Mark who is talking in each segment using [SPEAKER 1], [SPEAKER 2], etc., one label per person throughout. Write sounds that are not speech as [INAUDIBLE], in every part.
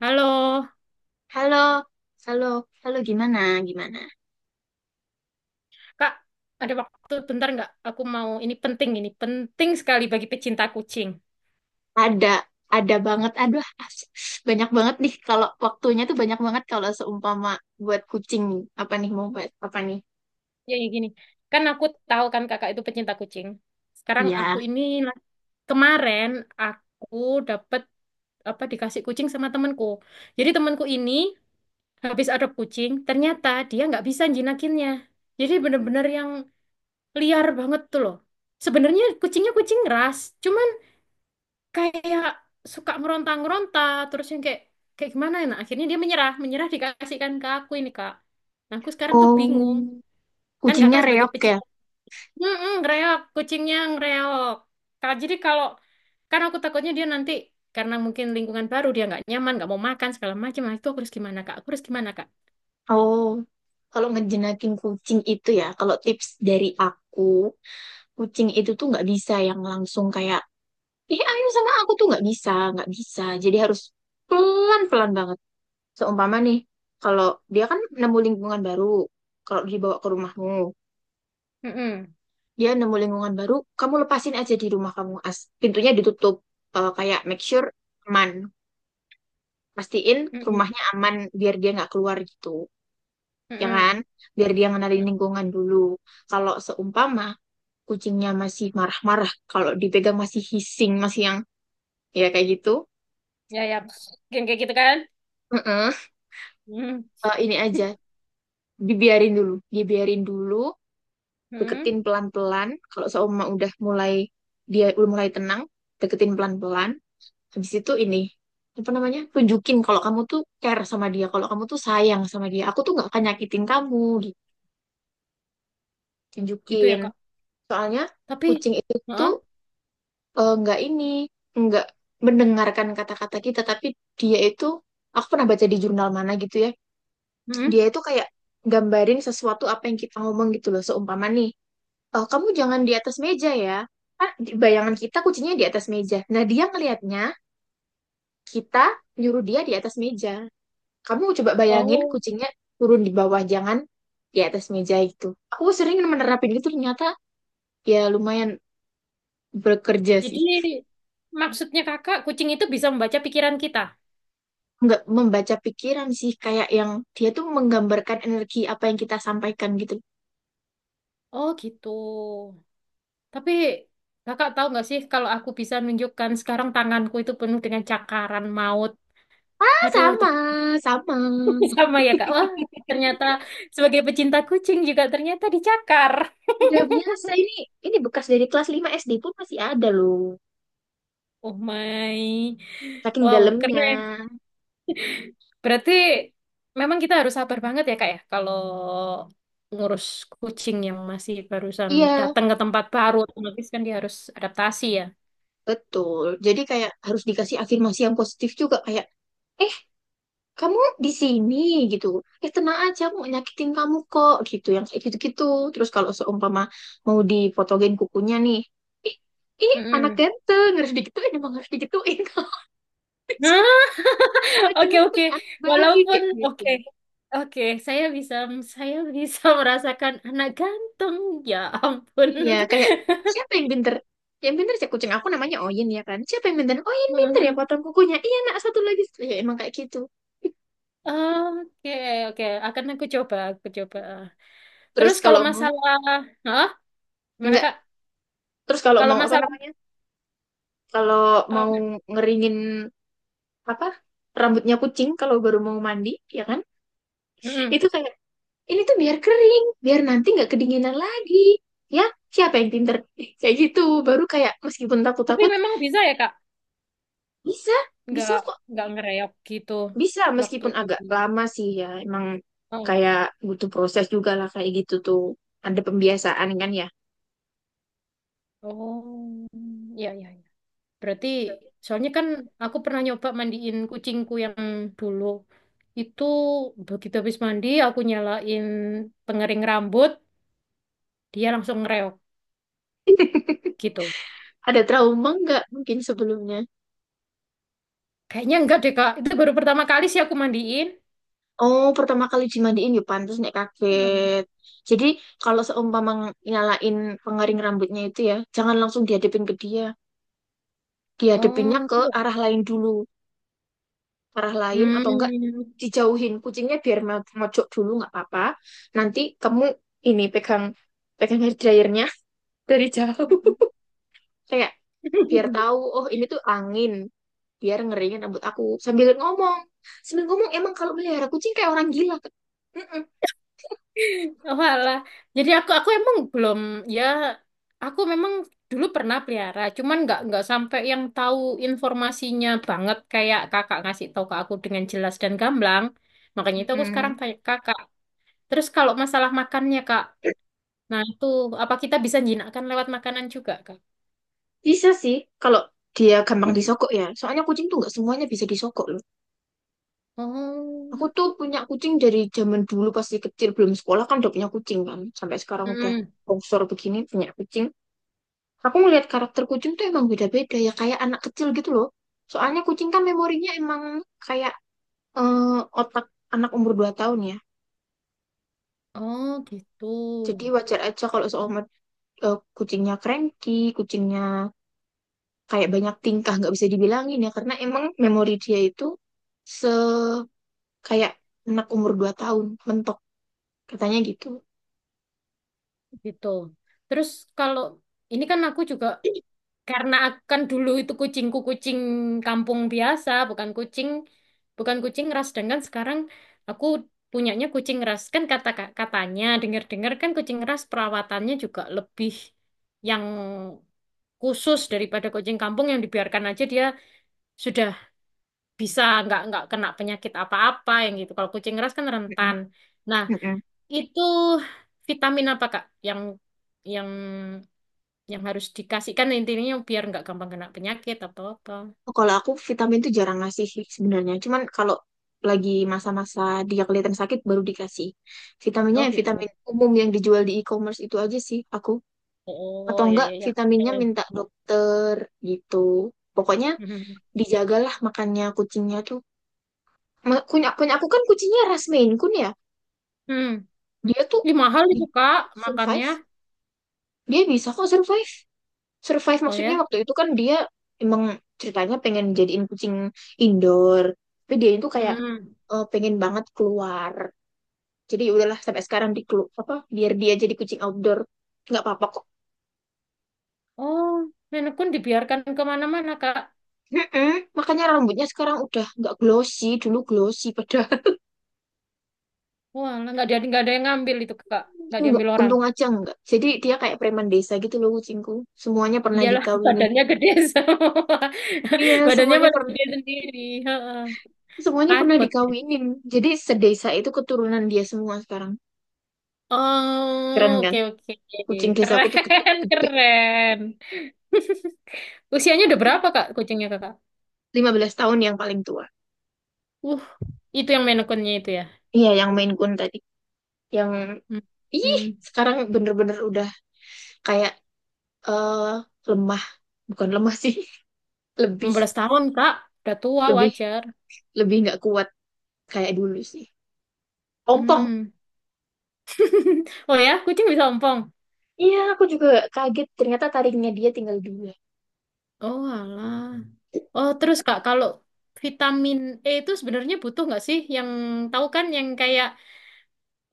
[SPEAKER 1] Halo,
[SPEAKER 2] Halo, halo, halo gimana, gimana?
[SPEAKER 1] Kak, ada waktu bentar nggak? Aku mau ini penting sekali bagi pecinta kucing.
[SPEAKER 2] Ada, ada banget. Aduh, banyak banget nih, kalau waktunya tuh banyak banget kalau seumpama buat kucing. Apa nih, mau buat apa nih?
[SPEAKER 1] Ya, ya gini, kan aku tahu kan kakak itu pecinta kucing. Sekarang aku
[SPEAKER 2] Iya.
[SPEAKER 1] ini kemarin aku dapat apa dikasih kucing sama temanku. Jadi temanku ini habis adop kucing, ternyata dia nggak bisa jinakinnya. Jadi bener-bener yang liar banget tuh loh. Sebenarnya kucingnya kucing ras, cuman kayak suka meronta-meronta terus yang kayak kayak gimana ya. Nah, akhirnya dia menyerah menyerah dikasihkan ke aku ini, kak. Nah, aku sekarang tuh
[SPEAKER 2] Oh,
[SPEAKER 1] bingung, kan
[SPEAKER 2] kucingnya
[SPEAKER 1] kakak sebagai
[SPEAKER 2] reok ya.
[SPEAKER 1] pecinta, ngereok kucingnya ngereok, kak. Jadi kalau, karena aku takutnya dia nanti karena mungkin lingkungan baru dia nggak nyaman, nggak mau makan segala macam. Nah, itu aku harus gimana, kak? Aku harus gimana, kak?
[SPEAKER 2] Oh, kalau ngejenakin kucing itu ya, kalau tips dari aku, kucing itu tuh nggak bisa yang langsung kayak, eh ayo sama aku tuh nggak bisa, nggak bisa. Jadi harus pelan-pelan banget. Seumpama nih, kalau dia kan nemu lingkungan baru, kalau dibawa ke rumahmu,
[SPEAKER 1] Mm-mm.
[SPEAKER 2] dia nemu lingkungan baru, kamu lepasin aja di rumah kamu, pintunya ditutup. Eh, kayak make sure aman, pastiin
[SPEAKER 1] Mm-mm.
[SPEAKER 2] rumahnya aman biar dia nggak keluar gitu, ya
[SPEAKER 1] Mm-mm.
[SPEAKER 2] kan? Biar dia ngenalin lingkungan dulu. Kalau seumpama kucingnya masih marah-marah, kalau dipegang masih hissing, masih yang ya kayak gitu,
[SPEAKER 1] Ya, ya, yang kayak gitu, kan?
[SPEAKER 2] eh, eh,
[SPEAKER 1] Mm-mm.
[SPEAKER 2] ini aja dibiarin dulu, dibiarin dulu, deketin pelan-pelan. Kalau seumur udah mulai dia udah mulai tenang, deketin pelan-pelan. Habis itu ini apa namanya? Tunjukin kalau kamu tuh care sama dia, kalau kamu tuh sayang sama dia. Aku tuh nggak akan nyakitin kamu gitu.
[SPEAKER 1] Gitu ya,
[SPEAKER 2] Tunjukin.
[SPEAKER 1] kak?
[SPEAKER 2] Soalnya
[SPEAKER 1] Tapi.
[SPEAKER 2] kucing itu
[SPEAKER 1] Heeh.
[SPEAKER 2] nggak ini, nggak mendengarkan kata-kata kita, tapi dia itu aku pernah baca di jurnal mana gitu ya. Dia
[SPEAKER 1] Mm-mm.
[SPEAKER 2] itu kayak gambarin sesuatu apa yang kita ngomong gitu loh. Seumpama nih, oh, kamu jangan di atas meja ya. Kan bayangan kita kucingnya di atas meja. Nah, dia ngelihatnya kita nyuruh dia di atas meja. Kamu coba bayangin
[SPEAKER 1] Oh.
[SPEAKER 2] kucingnya turun di bawah, jangan di atas meja itu. Aku sering menerapin itu, ternyata ya lumayan bekerja
[SPEAKER 1] Jadi
[SPEAKER 2] sih.
[SPEAKER 1] maksudnya kakak, kucing itu bisa membaca pikiran kita.
[SPEAKER 2] Nggak membaca pikiran sih, kayak yang dia tuh menggambarkan energi apa yang kita sampaikan gitu.
[SPEAKER 1] Oh gitu. Tapi kakak tahu nggak sih, kalau aku bisa nunjukkan, sekarang tanganku itu penuh dengan cakaran maut.
[SPEAKER 2] Ah,
[SPEAKER 1] Aduh itu
[SPEAKER 2] sama,
[SPEAKER 1] [LAUGHS]
[SPEAKER 2] sama.
[SPEAKER 1] sama ya, kak. Wah, ternyata sebagai pecinta kucing juga ternyata dicakar. [LAUGHS]
[SPEAKER 2] Udah biasa ini bekas dari kelas 5 SD pun masih ada loh.
[SPEAKER 1] Oh my.
[SPEAKER 2] Saking
[SPEAKER 1] Wow,
[SPEAKER 2] dalamnya.
[SPEAKER 1] keren. Berarti memang kita harus sabar banget ya, Kak, ya, kalau ngurus kucing yang masih barusan
[SPEAKER 2] Iya.
[SPEAKER 1] datang ke tempat baru, otomatis kan dia harus adaptasi, ya.
[SPEAKER 2] Betul. Jadi kayak harus dikasih afirmasi yang positif juga kayak eh kamu di sini gitu. Tenang aja, aku nggak nyakitin kamu kok gitu, yang kayak gitu-gitu. Terus kalau seumpama mau dipotongin kukunya nih, ih ini anak
[SPEAKER 1] Mm-mm.
[SPEAKER 2] ganteng, harus digituin, emang harus digituin [LAUGHS] kalau di
[SPEAKER 1] Nah,
[SPEAKER 2] sini. Anak
[SPEAKER 1] [LAUGHS] oke, oke.
[SPEAKER 2] ganteng, anak baik,
[SPEAKER 1] Walaupun
[SPEAKER 2] kayak gitu.
[SPEAKER 1] oke. Oke, saya bisa [LAUGHS] merasakan anak ganteng. Ya ampun.
[SPEAKER 2] Iya kayak siapa yang pinter? Yang pinter sih kucing aku, namanya Oyin ya kan. Siapa yang pinter? Oyin pinter ya,
[SPEAKER 1] [LAUGHS]
[SPEAKER 2] potong kukunya. Iya nak, satu lagi. Ya emang kayak gitu.
[SPEAKER 1] Oke, oke. Akan aku coba, aku coba.
[SPEAKER 2] Terus
[SPEAKER 1] Terus kalau
[SPEAKER 2] kalau mau,
[SPEAKER 1] masalah. Hah? Gimana,
[SPEAKER 2] enggak,
[SPEAKER 1] Kak?
[SPEAKER 2] terus kalau
[SPEAKER 1] Kalau
[SPEAKER 2] mau apa
[SPEAKER 1] masalah,
[SPEAKER 2] namanya? Kalau
[SPEAKER 1] um,
[SPEAKER 2] mau ngeringin apa rambutnya kucing kalau baru mau mandi, ya kan?
[SPEAKER 1] mm-mm.
[SPEAKER 2] Itu kayak ini tuh biar kering, biar nanti nggak kedinginan lagi. Ya, siapa yang pinter? [LAUGHS] Kayak gitu. Baru kayak meskipun
[SPEAKER 1] Tapi
[SPEAKER 2] takut-takut,
[SPEAKER 1] memang bisa ya, Kak,
[SPEAKER 2] bisa,
[SPEAKER 1] nggak
[SPEAKER 2] bisa kok,
[SPEAKER 1] nggak ngereok gitu
[SPEAKER 2] bisa
[SPEAKER 1] waktu
[SPEAKER 2] meskipun
[SPEAKER 1] di.
[SPEAKER 2] agak lama sih ya. Emang
[SPEAKER 1] Oh,
[SPEAKER 2] kayak butuh proses juga lah, kayak gitu tuh. Ada pembiasaan kan ya.
[SPEAKER 1] oh ya ya ya. Berarti soalnya kan aku pernah nyoba mandiin kucingku yang dulu itu, begitu habis mandi aku nyalain pengering rambut dia langsung ngereok gitu.
[SPEAKER 2] Ada trauma nggak mungkin sebelumnya?
[SPEAKER 1] Kayaknya enggak deh, Kak, itu baru pertama kali sih aku mandiin.
[SPEAKER 2] Oh, pertama kali dimandiin, ya pantas nek
[SPEAKER 1] Hmm.
[SPEAKER 2] kaget. Jadi kalau seumpama nyalain pengering rambutnya itu ya, jangan langsung dihadapin ke dia. Dihadapinnya
[SPEAKER 1] Oh,
[SPEAKER 2] ke
[SPEAKER 1] gitu.
[SPEAKER 2] arah lain dulu. Arah lain atau enggak
[SPEAKER 1] Hmm.
[SPEAKER 2] dijauhin kucingnya biar mojok dulu, nggak apa-apa. Nanti kamu ini pegang, hair dryernya [LAUGHS] dari jauh. Kayak biar
[SPEAKER 1] [LAUGHS]
[SPEAKER 2] tahu, oh ini tuh angin, biar ngeringin rambut aku sambil ngomong. Sambil ngomong, emang kalau melihara kucing kayak orang gila. Kak?" Mm-mm.
[SPEAKER 1] Oh, alah. Jadi aku emang belum, ya, aku memang dulu pernah pelihara, cuman nggak sampai yang tahu informasinya banget kayak kakak ngasih tahu ke aku dengan jelas dan gamblang. Makanya itu aku sekarang
[SPEAKER 2] Mm-mm.
[SPEAKER 1] tanya ke kakak. Terus kalau masalah makannya, kak, nah itu apa kita bisa jinakkan lewat makanan juga, kak?
[SPEAKER 2] Bisa sih, kalau dia gampang disogok ya. Soalnya kucing tuh nggak semuanya bisa disogok loh. Aku
[SPEAKER 1] Oh.
[SPEAKER 2] tuh punya kucing dari zaman dulu, pasti kecil belum sekolah kan udah punya kucing kan. Sampai sekarang udah
[SPEAKER 1] Mm-mm.
[SPEAKER 2] bongsor begini, punya kucing. Aku ngelihat karakter kucing tuh emang beda-beda ya kayak anak kecil gitu loh. Soalnya kucing kan memorinya emang kayak eh, otak anak umur 2 tahun ya.
[SPEAKER 1] Oh gitu,
[SPEAKER 2] Jadi wajar aja kalau seumpama kucingnya cranky, kucingnya kayak banyak tingkah, nggak bisa dibilangin ya, karena emang memori dia itu se kayak anak umur 2 tahun mentok, katanya gitu.
[SPEAKER 1] gitu. Terus kalau ini kan aku juga. Karena akan dulu itu kucingku kucing kampung biasa, bukan kucing, bukan kucing ras, dengan sekarang aku punyanya kucing ras. Kan, katanya dengar-dengar, kan, kucing ras perawatannya juga lebih yang khusus daripada kucing kampung yang dibiarkan aja dia sudah bisa nggak kena penyakit apa-apa yang gitu. Kalau kucing ras kan
[SPEAKER 2] Mm-mm,
[SPEAKER 1] rentan. Nah,
[SPEAKER 2] mm-mm.
[SPEAKER 1] itu vitamin apa, Kak, yang yang yang harus dikasihkan, intinya biar nggak gampang kena penyakit atau apa.
[SPEAKER 2] Kalau aku vitamin tuh jarang ngasih sih sebenarnya, cuman kalau lagi masa-masa dia kelihatan sakit baru dikasih vitaminnya,
[SPEAKER 1] Oh
[SPEAKER 2] yang
[SPEAKER 1] gitu.
[SPEAKER 2] vitamin umum yang dijual di e-commerce, itu aja sih aku, atau
[SPEAKER 1] Oh ya
[SPEAKER 2] enggak
[SPEAKER 1] ya ya.
[SPEAKER 2] vitaminnya
[SPEAKER 1] Eh,
[SPEAKER 2] minta dokter gitu. Pokoknya
[SPEAKER 1] mhm.
[SPEAKER 2] dijagalah makannya kucingnya tuh. Punya punya aku kan kucingnya ras Maine Coon ya,
[SPEAKER 1] Hmm.
[SPEAKER 2] dia tuh
[SPEAKER 1] Ih, mahal
[SPEAKER 2] dia
[SPEAKER 1] itu, Kak, makannya.
[SPEAKER 2] survive, dia bisa kok survive. Survive
[SPEAKER 1] Oh
[SPEAKER 2] maksudnya
[SPEAKER 1] ya.
[SPEAKER 2] waktu itu kan dia emang ceritanya pengen jadiin kucing indoor, tapi dia itu kayak
[SPEAKER 1] Hmm.
[SPEAKER 2] pengen banget keluar, jadi ya udahlah sampai sekarang di apa biar dia jadi kucing outdoor, nggak apa-apa kok.
[SPEAKER 1] Oh, nenek pun dibiarkan kemana-mana, Kak.
[SPEAKER 2] Mm-mm. Makanya rambutnya sekarang udah nggak glossy, dulu glossy padahal.
[SPEAKER 1] Wah, lah, nggak ada yang ngambil itu, Kak.
[SPEAKER 2] [LAUGHS]
[SPEAKER 1] Nggak
[SPEAKER 2] Nggak,
[SPEAKER 1] diambil orang.
[SPEAKER 2] untung aja nggak jadi dia kayak preman desa gitu loh kucingku, semuanya pernah
[SPEAKER 1] Iyalah, [LAUGHS]
[SPEAKER 2] dikawinin.
[SPEAKER 1] badannya gede semua.
[SPEAKER 2] Iya,
[SPEAKER 1] [LAUGHS] Badannya
[SPEAKER 2] semuanya
[SPEAKER 1] malah
[SPEAKER 2] pernah,
[SPEAKER 1] gede sendiri. Heeh.
[SPEAKER 2] semuanya pernah
[SPEAKER 1] Takut.
[SPEAKER 2] dikawinin, jadi sedesa itu keturunan dia semua sekarang. Keren
[SPEAKER 1] Oh,
[SPEAKER 2] kan?
[SPEAKER 1] oke, oke.
[SPEAKER 2] Kucing desaku
[SPEAKER 1] Keren,
[SPEAKER 2] tuh gede,
[SPEAKER 1] [LAUGHS]
[SPEAKER 2] gede.
[SPEAKER 1] keren. [LAUGHS] Usianya udah berapa, Kak, kucingnya, Kakak?
[SPEAKER 2] Belas tahun yang paling tua.
[SPEAKER 1] Uh, itu yang Maine Coon-nya itu, ya.
[SPEAKER 2] Iya, yang Maine Coon tadi. Yang,
[SPEAKER 1] Hmm.
[SPEAKER 2] ih,
[SPEAKER 1] Hmm.
[SPEAKER 2] sekarang bener-bener udah kayak eh lemah. Bukan lemah sih. [LAUGHS]
[SPEAKER 1] enam
[SPEAKER 2] Lebih,
[SPEAKER 1] belas tahun, Kak. Udah tua,
[SPEAKER 2] lebih,
[SPEAKER 1] wajar.
[SPEAKER 2] lebih nggak kuat kayak dulu sih. Ompong.
[SPEAKER 1] Hmm. [LAUGHS] Oh ya, kucing bisa ompong.
[SPEAKER 2] Iya, aku juga kaget. Ternyata taringnya dia tinggal dua.
[SPEAKER 1] Oh, alah. Oh, terus, Kak, kalau vitamin E itu sebenarnya butuh nggak sih? Yang tahu kan, yang kayak,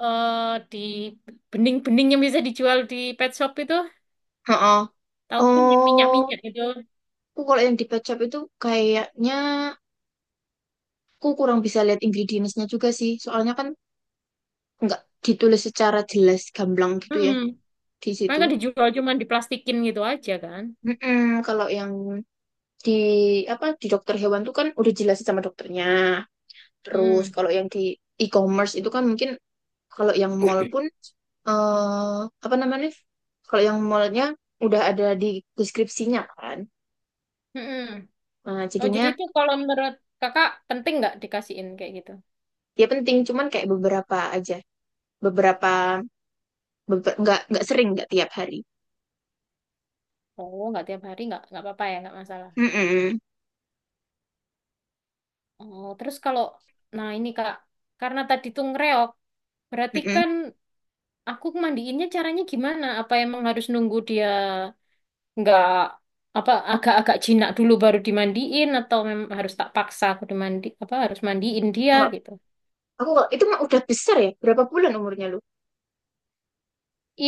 [SPEAKER 1] di bening-bening yang bisa dijual di pet shop itu?
[SPEAKER 2] Heeh.
[SPEAKER 1] Tahu kan, yang
[SPEAKER 2] Oh,
[SPEAKER 1] minyak-minyak gitu.
[SPEAKER 2] aku kalau yang di pet shop itu kayaknya aku kurang bisa lihat ingredients-nya juga sih. Soalnya kan nggak ditulis secara jelas gamblang gitu ya
[SPEAKER 1] Mm-mm.
[SPEAKER 2] di
[SPEAKER 1] Kan
[SPEAKER 2] situ.
[SPEAKER 1] kan dijual cuman diplastikin gitu aja, kan?
[SPEAKER 2] Mm-mm, kalau yang di, apa, di dokter hewan tuh kan udah jelasin sama dokternya. Terus
[SPEAKER 1] Hmm.
[SPEAKER 2] kalau yang di e-commerce itu kan mungkin, kalau yang mall pun eh apa namanya? Kalau yang mallnya udah ada di deskripsinya kan.
[SPEAKER 1] Mm-mm.
[SPEAKER 2] Nah,
[SPEAKER 1] Oh, jadi
[SPEAKER 2] jadinya
[SPEAKER 1] itu kalau menurut kakak penting nggak dikasihin kayak gitu?
[SPEAKER 2] ya penting, cuman kayak beberapa aja. Beberapa, nggak, sering, nggak tiap hari.
[SPEAKER 1] Oh, nggak tiap hari nggak apa-apa ya, nggak masalah.
[SPEAKER 2] Mm-mm,
[SPEAKER 1] Oh, terus kalau, nah ini kak, karena tadi tuh ngereok, berarti
[SPEAKER 2] mm-mm.
[SPEAKER 1] kan aku mandiinnya caranya gimana? Apa emang harus nunggu dia nggak apa, agak-agak jinak dulu baru dimandiin, atau memang harus tak paksa aku dimandi, apa harus mandiin dia
[SPEAKER 2] Kalau
[SPEAKER 1] gitu?
[SPEAKER 2] aku kalau itu mah udah besar ya. Berapa bulan umurnya lu?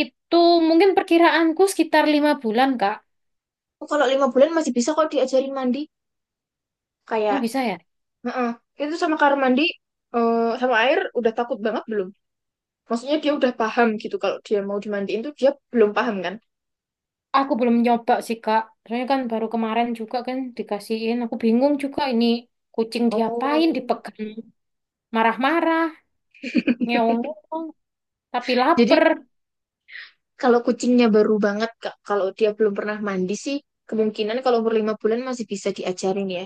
[SPEAKER 1] Itu mungkin perkiraanku sekitar 5 bulan, kak.
[SPEAKER 2] Oh, kalau 5 bulan masih bisa kok diajarin mandi. Kayak,
[SPEAKER 1] Oh bisa ya?
[SPEAKER 2] heeh. Itu sama kamar mandi sama air udah takut banget belum? Maksudnya dia udah paham gitu, kalau dia mau dimandiin tuh dia belum paham kan?
[SPEAKER 1] Aku belum nyoba sih, Kak. Soalnya kan baru kemarin juga kan dikasihin. Aku bingung juga, ini kucing diapain,
[SPEAKER 2] Oh.
[SPEAKER 1] dipegang marah-marah,
[SPEAKER 2] [LAUGHS]
[SPEAKER 1] ngeong-ngeong, tapi lapar.
[SPEAKER 2] Jadi kalau kucingnya baru banget Kak, kalau dia belum pernah mandi sih, kemungkinan kalau umur 5 bulan masih bisa diajarin ya.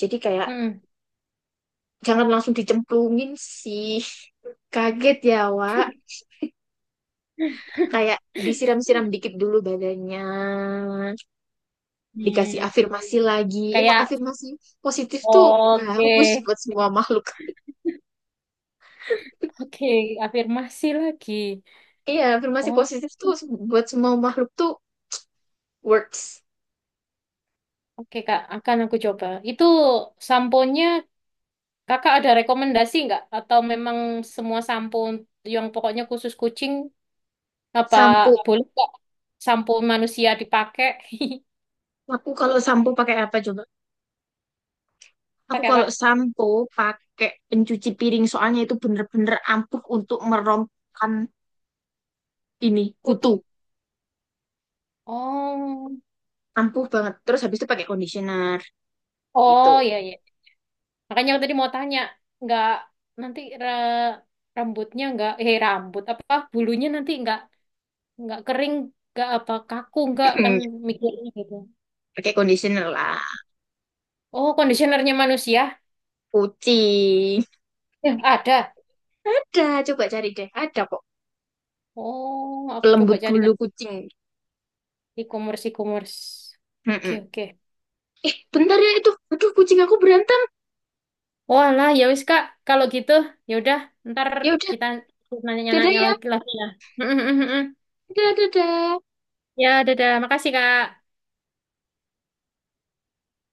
[SPEAKER 2] Jadi kayak
[SPEAKER 1] Hmm.
[SPEAKER 2] jangan langsung dicemplungin sih. [LAUGHS] Kaget ya, Wak.
[SPEAKER 1] [LAUGHS]
[SPEAKER 2] Kayak disiram-siram dikit dulu badannya. Dikasih
[SPEAKER 1] Hmm.
[SPEAKER 2] afirmasi lagi. Emang
[SPEAKER 1] Kayak,
[SPEAKER 2] afirmasi positif tuh
[SPEAKER 1] oke,
[SPEAKER 2] bagus buat semua makhluk.
[SPEAKER 1] oke, afirmasi lagi.
[SPEAKER 2] Iya, afirmasi
[SPEAKER 1] Oh,
[SPEAKER 2] positif tuh buat semua makhluk tuh works.
[SPEAKER 1] oke, Kak. Akan aku coba. Itu sampo nya Kakak ada rekomendasi nggak? Atau memang semua sampo yang pokoknya khusus kucing. Apa
[SPEAKER 2] Sampo.
[SPEAKER 1] boleh kok sampo manusia dipakai?
[SPEAKER 2] Aku kalau sampo pakai apa coba?
[SPEAKER 1] [LAUGHS]
[SPEAKER 2] Aku
[SPEAKER 1] Pakai apa?
[SPEAKER 2] kalau sampo pakai pencuci piring, soalnya itu bener-bener ampuh untuk merompkan ini,
[SPEAKER 1] Kutu.
[SPEAKER 2] kutu.
[SPEAKER 1] Oh,
[SPEAKER 2] Ampuh banget. Terus habis itu pakai conditioner gitu.
[SPEAKER 1] oh ya ya. Makanya aku tadi mau tanya, nggak nanti rambutnya nggak, eh, rambut apa bulunya nanti nggak kering, nggak apa kaku nggak, kan
[SPEAKER 2] [CLEARS THROAT]
[SPEAKER 1] mikirnya gitu.
[SPEAKER 2] Pakai conditioner lah.
[SPEAKER 1] Oh, kondisionernya manusia?
[SPEAKER 2] Kucing.
[SPEAKER 1] Ya, ada.
[SPEAKER 2] Ada, coba cari deh. Ada kok.
[SPEAKER 1] Oh, aku coba
[SPEAKER 2] Pelembut
[SPEAKER 1] cari
[SPEAKER 2] bulu
[SPEAKER 1] nanti,
[SPEAKER 2] kucing.
[SPEAKER 1] e-commerce e-commerce. Oke,
[SPEAKER 2] Mm-mm.
[SPEAKER 1] oke.
[SPEAKER 2] Eh bentar ya, itu aduh kucing aku berantem.
[SPEAKER 1] Walah, ya wis, Kak, kalau gitu ya udah, ntar
[SPEAKER 2] Ya udah,
[SPEAKER 1] kita
[SPEAKER 2] dadah
[SPEAKER 1] nanya-nanya
[SPEAKER 2] ya,
[SPEAKER 1] lagi, ya. [LAUGHS]
[SPEAKER 2] dadah, dadah.
[SPEAKER 1] Ya, dadah. Makasih, Kak.